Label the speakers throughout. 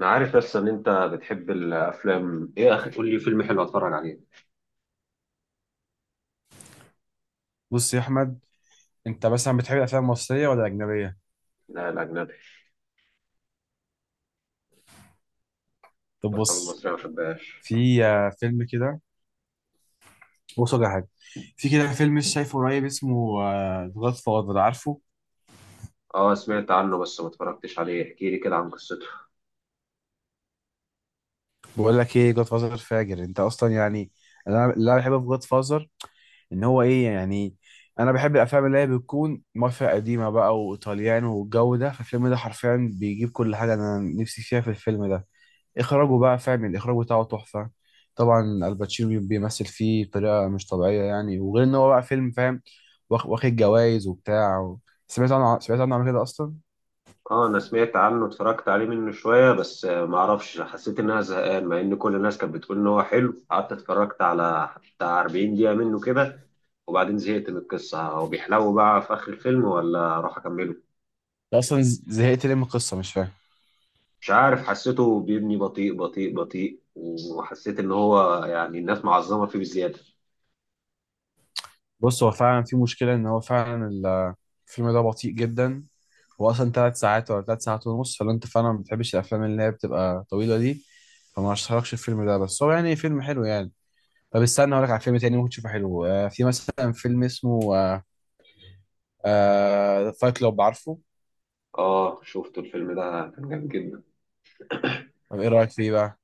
Speaker 1: انا عارف، بس ان انت بتحب الافلام. ايه يا اخي، قول لي فيلم حلو اتفرج عليه.
Speaker 2: بص يا احمد، انت مثلا بتحب الافلام المصريه ولا الاجنبيه؟
Speaker 1: لا، الاجنبي.
Speaker 2: طب
Speaker 1: الافلام
Speaker 2: بص،
Speaker 1: المصريه ما بحبهاش.
Speaker 2: في فيلم كده، بص ولا حاجه. في كده فيلم لسه شايفه قريب اسمه جاد فاذر، عارفه؟
Speaker 1: اه، سمعت عنه بس ما اتفرجتش عليه. احكي لي كده عن قصته.
Speaker 2: بقول لك ايه، جاد فاذر فاجر انت اصلا يعني. انا اللي انا بحبه في جاد فاذر ان هو ايه يعني، انا بحب الافلام اللي هي بتكون مافيا قديمه بقى وايطاليان والجو ده، فالفيلم ده حرفيا بيجيب كل حاجه انا نفسي فيها في الفيلم ده. اخراجه بقى، فاهم، الاخراج بتاعه تحفه، طبعا. الباتشينو بيمثل فيه بطريقه مش طبيعيه يعني، وغير ان هو بقى فيلم فاهم، واخد جوائز وبتاع و... سمعت عنه قبل كده اصلا.
Speaker 1: اه، انا سمعت عنه، اتفرجت عليه منه شويه بس ما اعرفش، حسيت ان انا زهقان مع ان كل الناس كانت بتقول ان هو حلو. قعدت اتفرجت على بتاع 40 دقيقه منه كده، وبعدين زهقت من القصه. هو بيحلو بقى في اخر الفيلم ولا اروح اكمله؟
Speaker 2: أنت اصلا زهقت ليه من القصه، مش فاهم.
Speaker 1: مش عارف، حسيته بيبني بطيء بطيء بطيء، وحسيت ان هو يعني الناس معظمه فيه بزياده.
Speaker 2: بص، هو فعلا في مشكله، ان هو فعلا الفيلم ده بطيء جدا. هو اصلا ثلاث ساعات ولا ثلاث ساعات ونص، فلو انت فعلا ما بتحبش الافلام اللي هي بتبقى طويله دي، فما اشتركش الفيلم ده، بس هو يعني فيلم حلو يعني. طب استنى اقول لك على فيلم تاني ممكن تشوفه حلو، في مثلا فيلم اسمه، فايت كلوب، عارفه؟
Speaker 1: اه شفت الفيلم ده، كان جامد جدا.
Speaker 2: طب ايه رايك فيه بقى؟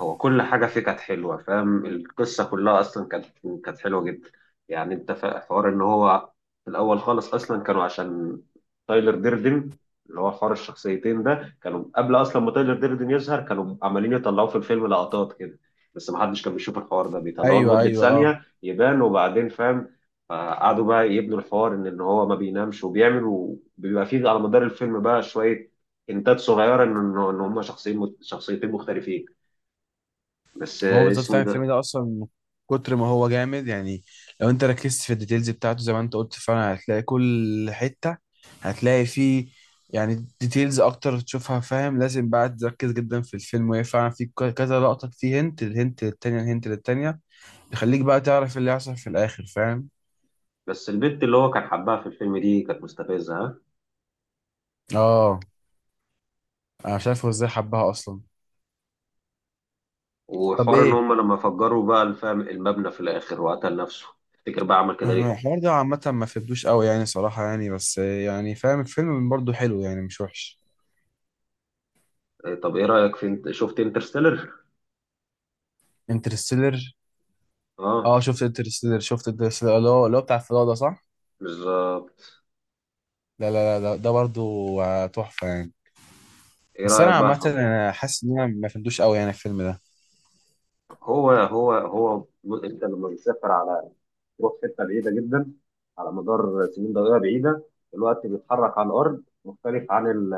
Speaker 1: هو كل حاجة فيه كانت حلوة، فاهم؟ القصة كلها أصلا كانت حلوة جدا. يعني أنت حوار إن هو في الأول خالص أصلا كانوا عشان تايلر ديردن، اللي هو حوار الشخصيتين ده، كانوا قبل أصلا ما تايلر ديردن يظهر كانوا عمالين يطلعوا في الفيلم لقطات كده، بس محدش كان بيشوف الحوار ده. بيطلعوه
Speaker 2: ايوه،
Speaker 1: لمدة
Speaker 2: ايوه، اه.
Speaker 1: ثانية يبان وبعدين فاهم. قعدوا بقى يبنوا الحوار إن هو ما بينامش وبيعمل وبيبقى فيه على مدار الفيلم بقى شوية إنتاج صغيرة إن هما شخصين شخصيتين مختلفين. بس
Speaker 2: هو بالظبط،
Speaker 1: اسمه إيه
Speaker 2: فاهم، الفيلم
Speaker 1: ده؟
Speaker 2: ده اصلا من كتر ما هو جامد يعني. لو انت ركزت في الديتيلز بتاعته زي ما انت قلت، فعلا هتلاقي كل حته، هتلاقي فيه يعني ديتيلز اكتر تشوفها، فاهم. لازم بقى تركز جدا في الفيلم، وهي فعلا في كذا لقطه فيه، هنت الهنت للتانيه الهنت للتانيه، يخليك بقى تعرف اللي هيحصل في الاخر، فاهم.
Speaker 1: بس البت اللي هو كان حبها في الفيلم دي كانت مستفزة، ها.
Speaker 2: اه، انا مش عارف هو ازاي حبها اصلا. طب
Speaker 1: وحوار ان
Speaker 2: ايه،
Speaker 1: هم لما فجروا بقى الفم المبنى في الاخر وقتل نفسه، تفتكر بقى عمل كده ليه؟
Speaker 2: الحوار ده عامة ما فهمتوش قوي يعني، صراحة يعني، بس يعني فاهم الفيلم برضه حلو يعني، مش وحش.
Speaker 1: إيه، طب ايه رأيك في، انت شفت انترستيلر؟
Speaker 2: انترستيلر؟
Speaker 1: اه.
Speaker 2: اه، شفت انترستيلر، اللي هو اللي هو بتاع الفضاء ده، صح؟
Speaker 1: بالظبط.
Speaker 2: لا لا لا، ده برضه، تحفة يعني.
Speaker 1: ايه
Speaker 2: بس
Speaker 1: رأيك
Speaker 2: أنا
Speaker 1: بقى
Speaker 2: عامة
Speaker 1: في،
Speaker 2: أنا حاسس إن أنا ما فهمتوش قوي يعني الفيلم ده.
Speaker 1: هو انت لما بتسافر على، تروح حتة بعيدة جدا، على مدار سنين ضوئية بعيدة، الوقت بيتحرك على الارض مختلف عن ال،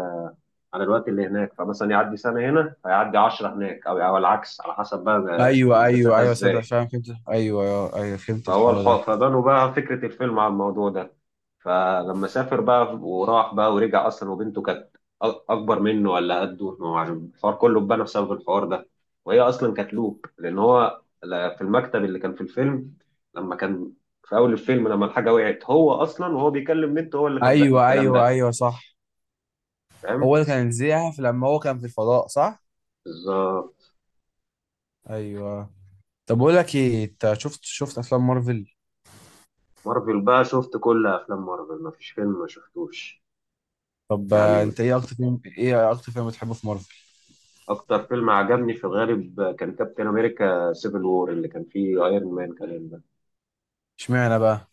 Speaker 1: على الوقت اللي هناك. فمثلا يعدي سنة هنا فيعدي عشرة هناك، أو العكس على حسب بقى
Speaker 2: أيوه أيوه
Speaker 1: المسافة
Speaker 2: أيوه، صدق،
Speaker 1: إزاي.
Speaker 2: فاهم، فهمت. أيوه أيوه أيوه، فهمت
Speaker 1: فهو
Speaker 2: الحوار
Speaker 1: الحق،
Speaker 2: ده.
Speaker 1: فبنوا بقى فكرة الفيلم على الموضوع ده. فلما سافر بقى وراح بقى ورجع أصلا، وبنته كانت أكبر منه ولا قده، ما هو عارف. الحوار كله اتبنى بسبب الحوار ده. وهي أصلا كانت لوب، لأن هو في المكتب اللي كان في الفيلم، لما كان في أول الفيلم لما الحاجة وقعت، هو أصلا وهو بيكلم بنته هو اللي كان زق
Speaker 2: أيوه
Speaker 1: الكلام
Speaker 2: أيوه
Speaker 1: ده.
Speaker 2: أيوه، صح.
Speaker 1: فاهم؟
Speaker 2: هو اللي كان زيها لما هو كان في الفضاء، صح؟
Speaker 1: بالظبط.
Speaker 2: أيوه. طب بقول لك إيه، أنت شفت أفلام مارفل؟
Speaker 1: مارفل بقى شفت كل افلام مارفل، مفيش فيلم ما شفتوش.
Speaker 2: طب،
Speaker 1: يعني
Speaker 2: انت ايه اكتر فيلم، بتحبه في مارفل؟
Speaker 1: اكتر فيلم عجبني في الغالب كان كابتن امريكا سيفل وور، اللي كان فيه ايرون مان كلام ده.
Speaker 2: اشمعنى بقى؟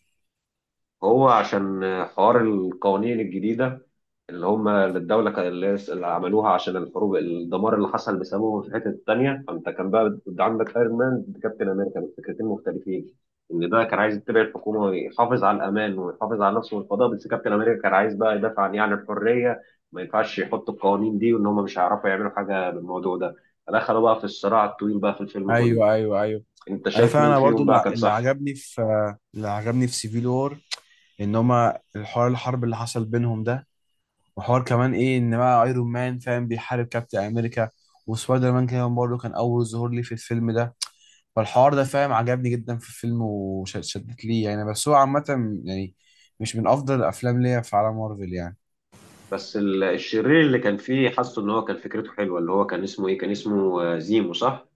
Speaker 1: هو عشان حوار القوانين الجديده، اللي هم الدولة اللي هي اللي عملوها عشان الحروب الدمار اللي حصل بسببهم في الحتة التانية. فأنت كان بقى عندك أيرون مان ضد كابتن أمريكا بس فكرتين مختلفين. إن ده كان عايز يتبع الحكومة ويحافظ على الأمان ويحافظ على نفسه والفضاء، بس كابتن أمريكا كان عايز بقى يدافع عن يعني الحرية، ما ينفعش يحطوا القوانين دي، وإن هم مش هيعرفوا يعملوا حاجة بالموضوع ده. فدخلوا بقى في الصراع الطويل بقى في الفيلم كله.
Speaker 2: ايوه ايوه ايوه.
Speaker 1: أنت شايف مين
Speaker 2: انا برضو
Speaker 1: فيهم بقى كان
Speaker 2: اللي
Speaker 1: صح؟
Speaker 2: عجبني في، اللي عجبني في سيفيل وور، ان هما الحوار الحرب اللي حصل بينهم ده. وحوار كمان ايه، ان بقى ايرون مان فاهم بيحارب كابتن امريكا، وسبايدر مان كمان برضه كان اول ظهور لي في الفيلم ده. فالحوار ده، فاهم، عجبني جدا في الفيلم وشدت لي يعني. بس هو عامة يعني مش من افضل الافلام ليا في عالم مارفل يعني.
Speaker 1: بس الشرير اللي كان فيه حاسه إن هو كان فكرته حلوة. اللي هو كان اسمه إيه، كان اسمه زيمو صح؟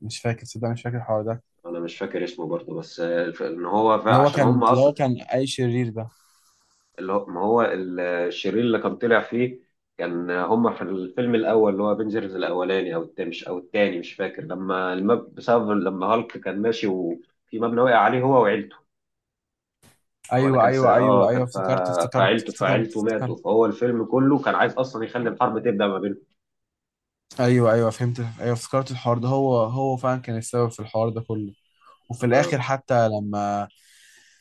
Speaker 2: مش فاكر، صدق، مش فاكر الحوار ده.
Speaker 1: انا مش فاكر اسمه برضه، بس ان هو عشان هم
Speaker 2: اللي
Speaker 1: اصلا،
Speaker 2: هو كان اي شرير ده؟
Speaker 1: اللي هو ما هو الشرير اللي كان طلع فيه، كان هم في الفيلم الاول اللي هو افنجرز الاولاني او التاني، مش او التاني مش فاكر، لما بسبب لما هالك كان ماشي وفي مبنى وقع عليه هو وعيلته. ولا
Speaker 2: ايوه
Speaker 1: كان
Speaker 2: ايوه
Speaker 1: اه
Speaker 2: ايوه
Speaker 1: كان
Speaker 2: ايوه، افتكرت افتكرت
Speaker 1: فعيلته
Speaker 2: افتكرت
Speaker 1: فعيلته
Speaker 2: افتكرت.
Speaker 1: ماتوا، فهو الفيلم كله كان عايز اصلا يخلي الحرب تبدا ما بينهم.
Speaker 2: ايوه ايوه، فهمت، ايوه افتكرت الحوار ده. هو فعلا كان السبب في الحوار ده كله. وفي الاخر حتى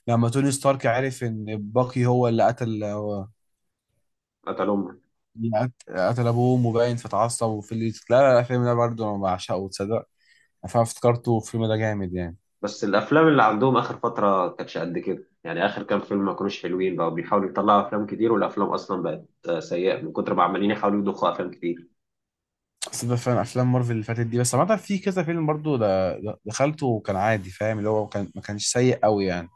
Speaker 2: لما توني ستارك عرف ان باقي هو اللي قتل، هو
Speaker 1: قتلهم.
Speaker 2: اللي قتل ابوه مبين، فتعصب، وفي اللي، لا لا لا، الفيلم ده برضه انا بعشقه، تصدق، فانا افتكرته الفيلم ده جامد يعني.
Speaker 1: بس الافلام اللي عندهم اخر فتره كانتش قد كده، يعني اخر كام فيلم ما كانوش حلوين. بقوا بيحاولوا يطلعوا افلام كتير، والافلام اصلا بقت سيئه من كتر ما عمالين يحاولوا يضخوا افلام كتير.
Speaker 2: بس ده فعلا افلام مارفل اللي فاتت دي، بس عامه في كذا فيلم برضه دخلته وكان عادي، فاهم، اللي هو كان ما كانش سيء قوي يعني.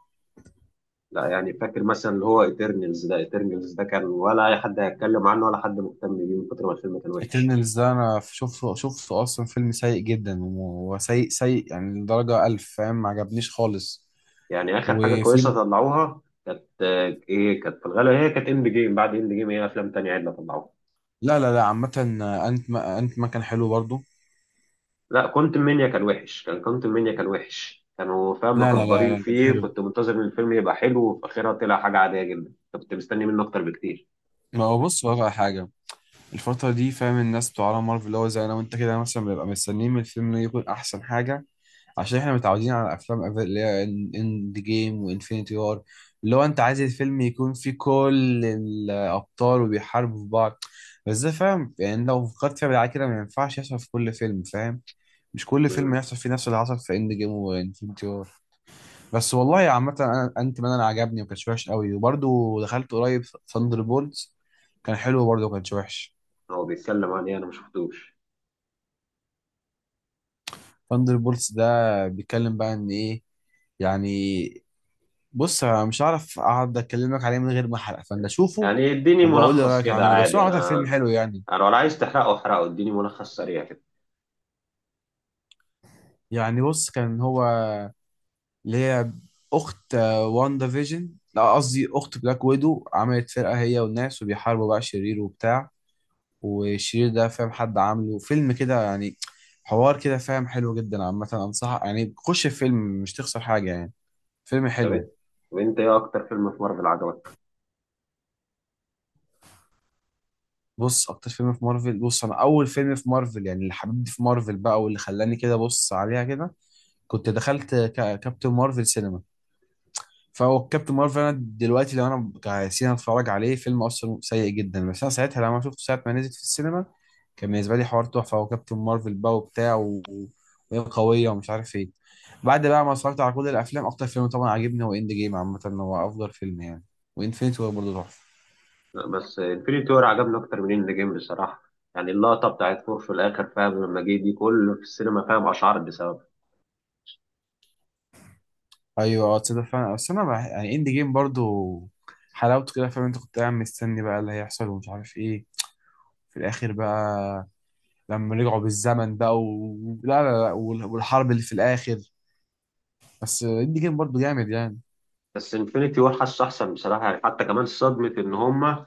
Speaker 1: لا يعني فاكر مثلا اللي هو ايترنالز ده، ايترنالز ده كان ولا اي حد هيتكلم عنه ولا حد مهتم بيه من كتر ما الفيلم كان وحش.
Speaker 2: اترنالز ده انا شفته اصلا فيلم سيء جدا، وسيء سيء يعني لدرجه الف، فاهم، ما عجبنيش خالص.
Speaker 1: يعني اخر حاجه
Speaker 2: وفي،
Speaker 1: كويسه طلعوها كانت ايه، كانت في الغالب هي كانت اند جيم. بعد اند جيم هي افلام تانية عدله طلعوها.
Speaker 2: لا لا لا عامه، انت ما كان حلو برضه.
Speaker 1: لا كنت منيا كان وحش. كانوا فاهم
Speaker 2: لا لا
Speaker 1: مكبرين
Speaker 2: لا لا، كان
Speaker 1: فيه،
Speaker 2: حلو.
Speaker 1: كنت منتظر ان الفيلم يبقى حلو وفي اخرها طلع حاجه عاديه جدا. كنت مستني منه اكتر بكتير.
Speaker 2: ما هو بص بقى على حاجه، الفتره دي، فاهم، الناس بتوع عالم مارفل اللي هو زي انا وانت كده مثلا، بنبقى مستنيين من الفيلم يكون احسن حاجه، عشان احنا متعودين على افلام اللي هي اند جيم وانفينيتي وار، اللي هو انت عايز الفيلم يكون فيه كل الابطال وبيحاربوا في بعض. بس ده، فاهم، يعني لو فكرت فيها بالعكس كده، ما ينفعش يحصل في كل فيلم، فاهم. مش كل فيلم
Speaker 1: مم.
Speaker 2: يحصل فيه نفس اللي حصل في اند جيم وانفينيتي وار. بس والله عامة، انا انت مان انا عجبني وما كانش وحش قوي، وبرده دخلت قريب ثاندر بولتس، كان حلو برضه، ما كانش وحش.
Speaker 1: هو بيتكلم عن ايه؟ انا ما شفتوش.
Speaker 2: ثاندر بولتس ده بيتكلم بقى ان ايه يعني، بص أنا مش هعرف اقعد اكلمك عليه من غير ما احرق، فانا اشوفه
Speaker 1: يعني اديني
Speaker 2: وبقول لي
Speaker 1: ملخص
Speaker 2: رايك
Speaker 1: كده
Speaker 2: عامل ايه، بس هو
Speaker 1: عادي.
Speaker 2: عامه فيلم
Speaker 1: انا
Speaker 2: حلو يعني.
Speaker 1: انا ولا عايز تحرقه، احرقه، اديني ملخص سريع كده.
Speaker 2: يعني بص، كان هو اللي هي اخت، واندا فيجن، لا قصدي اخت بلاك ويدو، عملت فرقه هي والناس وبيحاربوا بقى شرير وبتاع، والشرير ده، فاهم، حد عامله فيلم كده يعني، حوار كده، فاهم، حلو جدا عامه. انصحك يعني، خش الفيلم، مش تخسر حاجه يعني، فيلم
Speaker 1: طب
Speaker 2: حلو.
Speaker 1: إيه؟ طب انت ايه اكتر فيلم في مارفل عجبك؟
Speaker 2: بص، اكتر فيلم في مارفل، بص انا اول فيلم في مارفل يعني اللي حببني في مارفل بقى، واللي خلاني كده بص عليها كده، كنت دخلت كابتن مارفل سينما. فهو كابتن مارفل، انا دلوقتي لو انا كسينما اتفرج عليه فيلم اصلا سيء جدا، بس انا ساعتها لما شفته ساعه ما نزل في السينما، كان بالنسبه لي حوار تحفه، هو كابتن مارفل بقى وبتاع و... وهي قويه ومش عارف ايه. بعد بقى ما اتفرجت على كل الافلام، اكتر فيلم طبعا عجبني هو اند جيم، عامه هو افضل فيلم يعني، وانفينيتي وور برضه تحفه.
Speaker 1: لا، بس انفينيتي وور عجبني اكتر من اند جيم بصراحه. يعني اللقطه بتاعت فور في الاخر، فاهم لما جه دي كله في السينما، فاهم اشعرت بسبب،
Speaker 2: ايوه اه، تصدق فعلا، بس انا يعني اند جيم برضه حلاوته كده، فاهم، انت كنت قاعد مستني بقى اللي هيحصل ومش عارف ايه، في الاخر بقى لما رجعوا بالزمن بقى و... لا لا لا، والحرب اللي في الاخر، بس اندي جيم برضه جامد يعني.
Speaker 1: بس انفينيتي وور حاسه احسن بصراحه يعني. حتى كمان صدمه ان هم،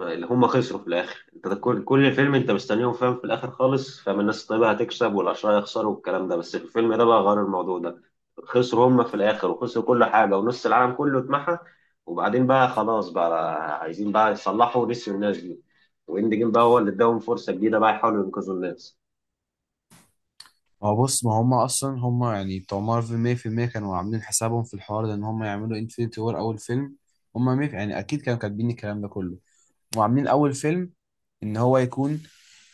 Speaker 1: اللي هم خسروا في الاخر. انت ده كل فيلم انت مستنيهم، فاهم في الاخر خالص فاهم الناس الطيبه هتكسب والاشرار يخسروا والكلام ده، بس في الفيلم ده بقى غير الموضوع ده. خسروا هم في الاخر وخسروا كل حاجه، ونص العالم كله اتمحى. وبعدين بقى خلاص بقى عايزين بقى يصلحوا، نسيوا الناس دي. واند جيم بقى هو اللي اداهم فرصه جديده بقى يحاولوا ينقذوا الناس.
Speaker 2: ما هو بص، ما هم اصلا هم يعني بتوع مارفل 100% كانوا عاملين حسابهم في الحوار ده، ان هم يعملوا انفينيتي وور اول فيلم. هم 100 يعني اكيد كانوا كاتبين الكلام ده كله وعاملين اول فيلم ان هو يكون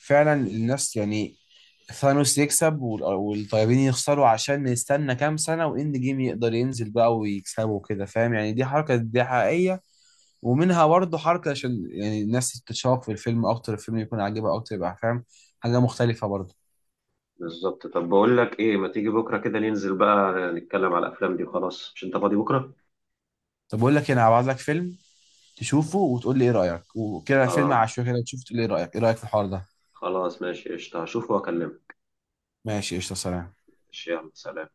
Speaker 2: فعلا الناس يعني ثانوس يكسب والطيبين يخسروا، عشان نستنى كام سنة واند جيم يقدر ينزل بقى ويكسبوا كده، فاهم يعني، دي حركة دي حقيقية. ومنها برضه حركة عشان يعني الناس تتشوق في الفيلم أكتر، الفيلم يكون عاجبها أكتر، يبقى، فاهم، حاجة مختلفة برضه.
Speaker 1: بالظبط. طب بقول لك ايه، ما تيجي بكره كده ننزل بقى نتكلم على الافلام دي وخلاص، مش انت فاضي بكره؟
Speaker 2: طب بقول لك إيه، أنا هبعت لك فيلم تشوفه وتقول لي إيه رأيك، وكده فيلم
Speaker 1: آه،
Speaker 2: عشوائي كده تشوف تقول لي إيه رأيك، إيه رأيك في الحوار ده.
Speaker 1: خلاص ماشي قشطة، هشوفه وأكلمك.
Speaker 2: ماشي قشطة، سلام.
Speaker 1: ماشي يلا سلام.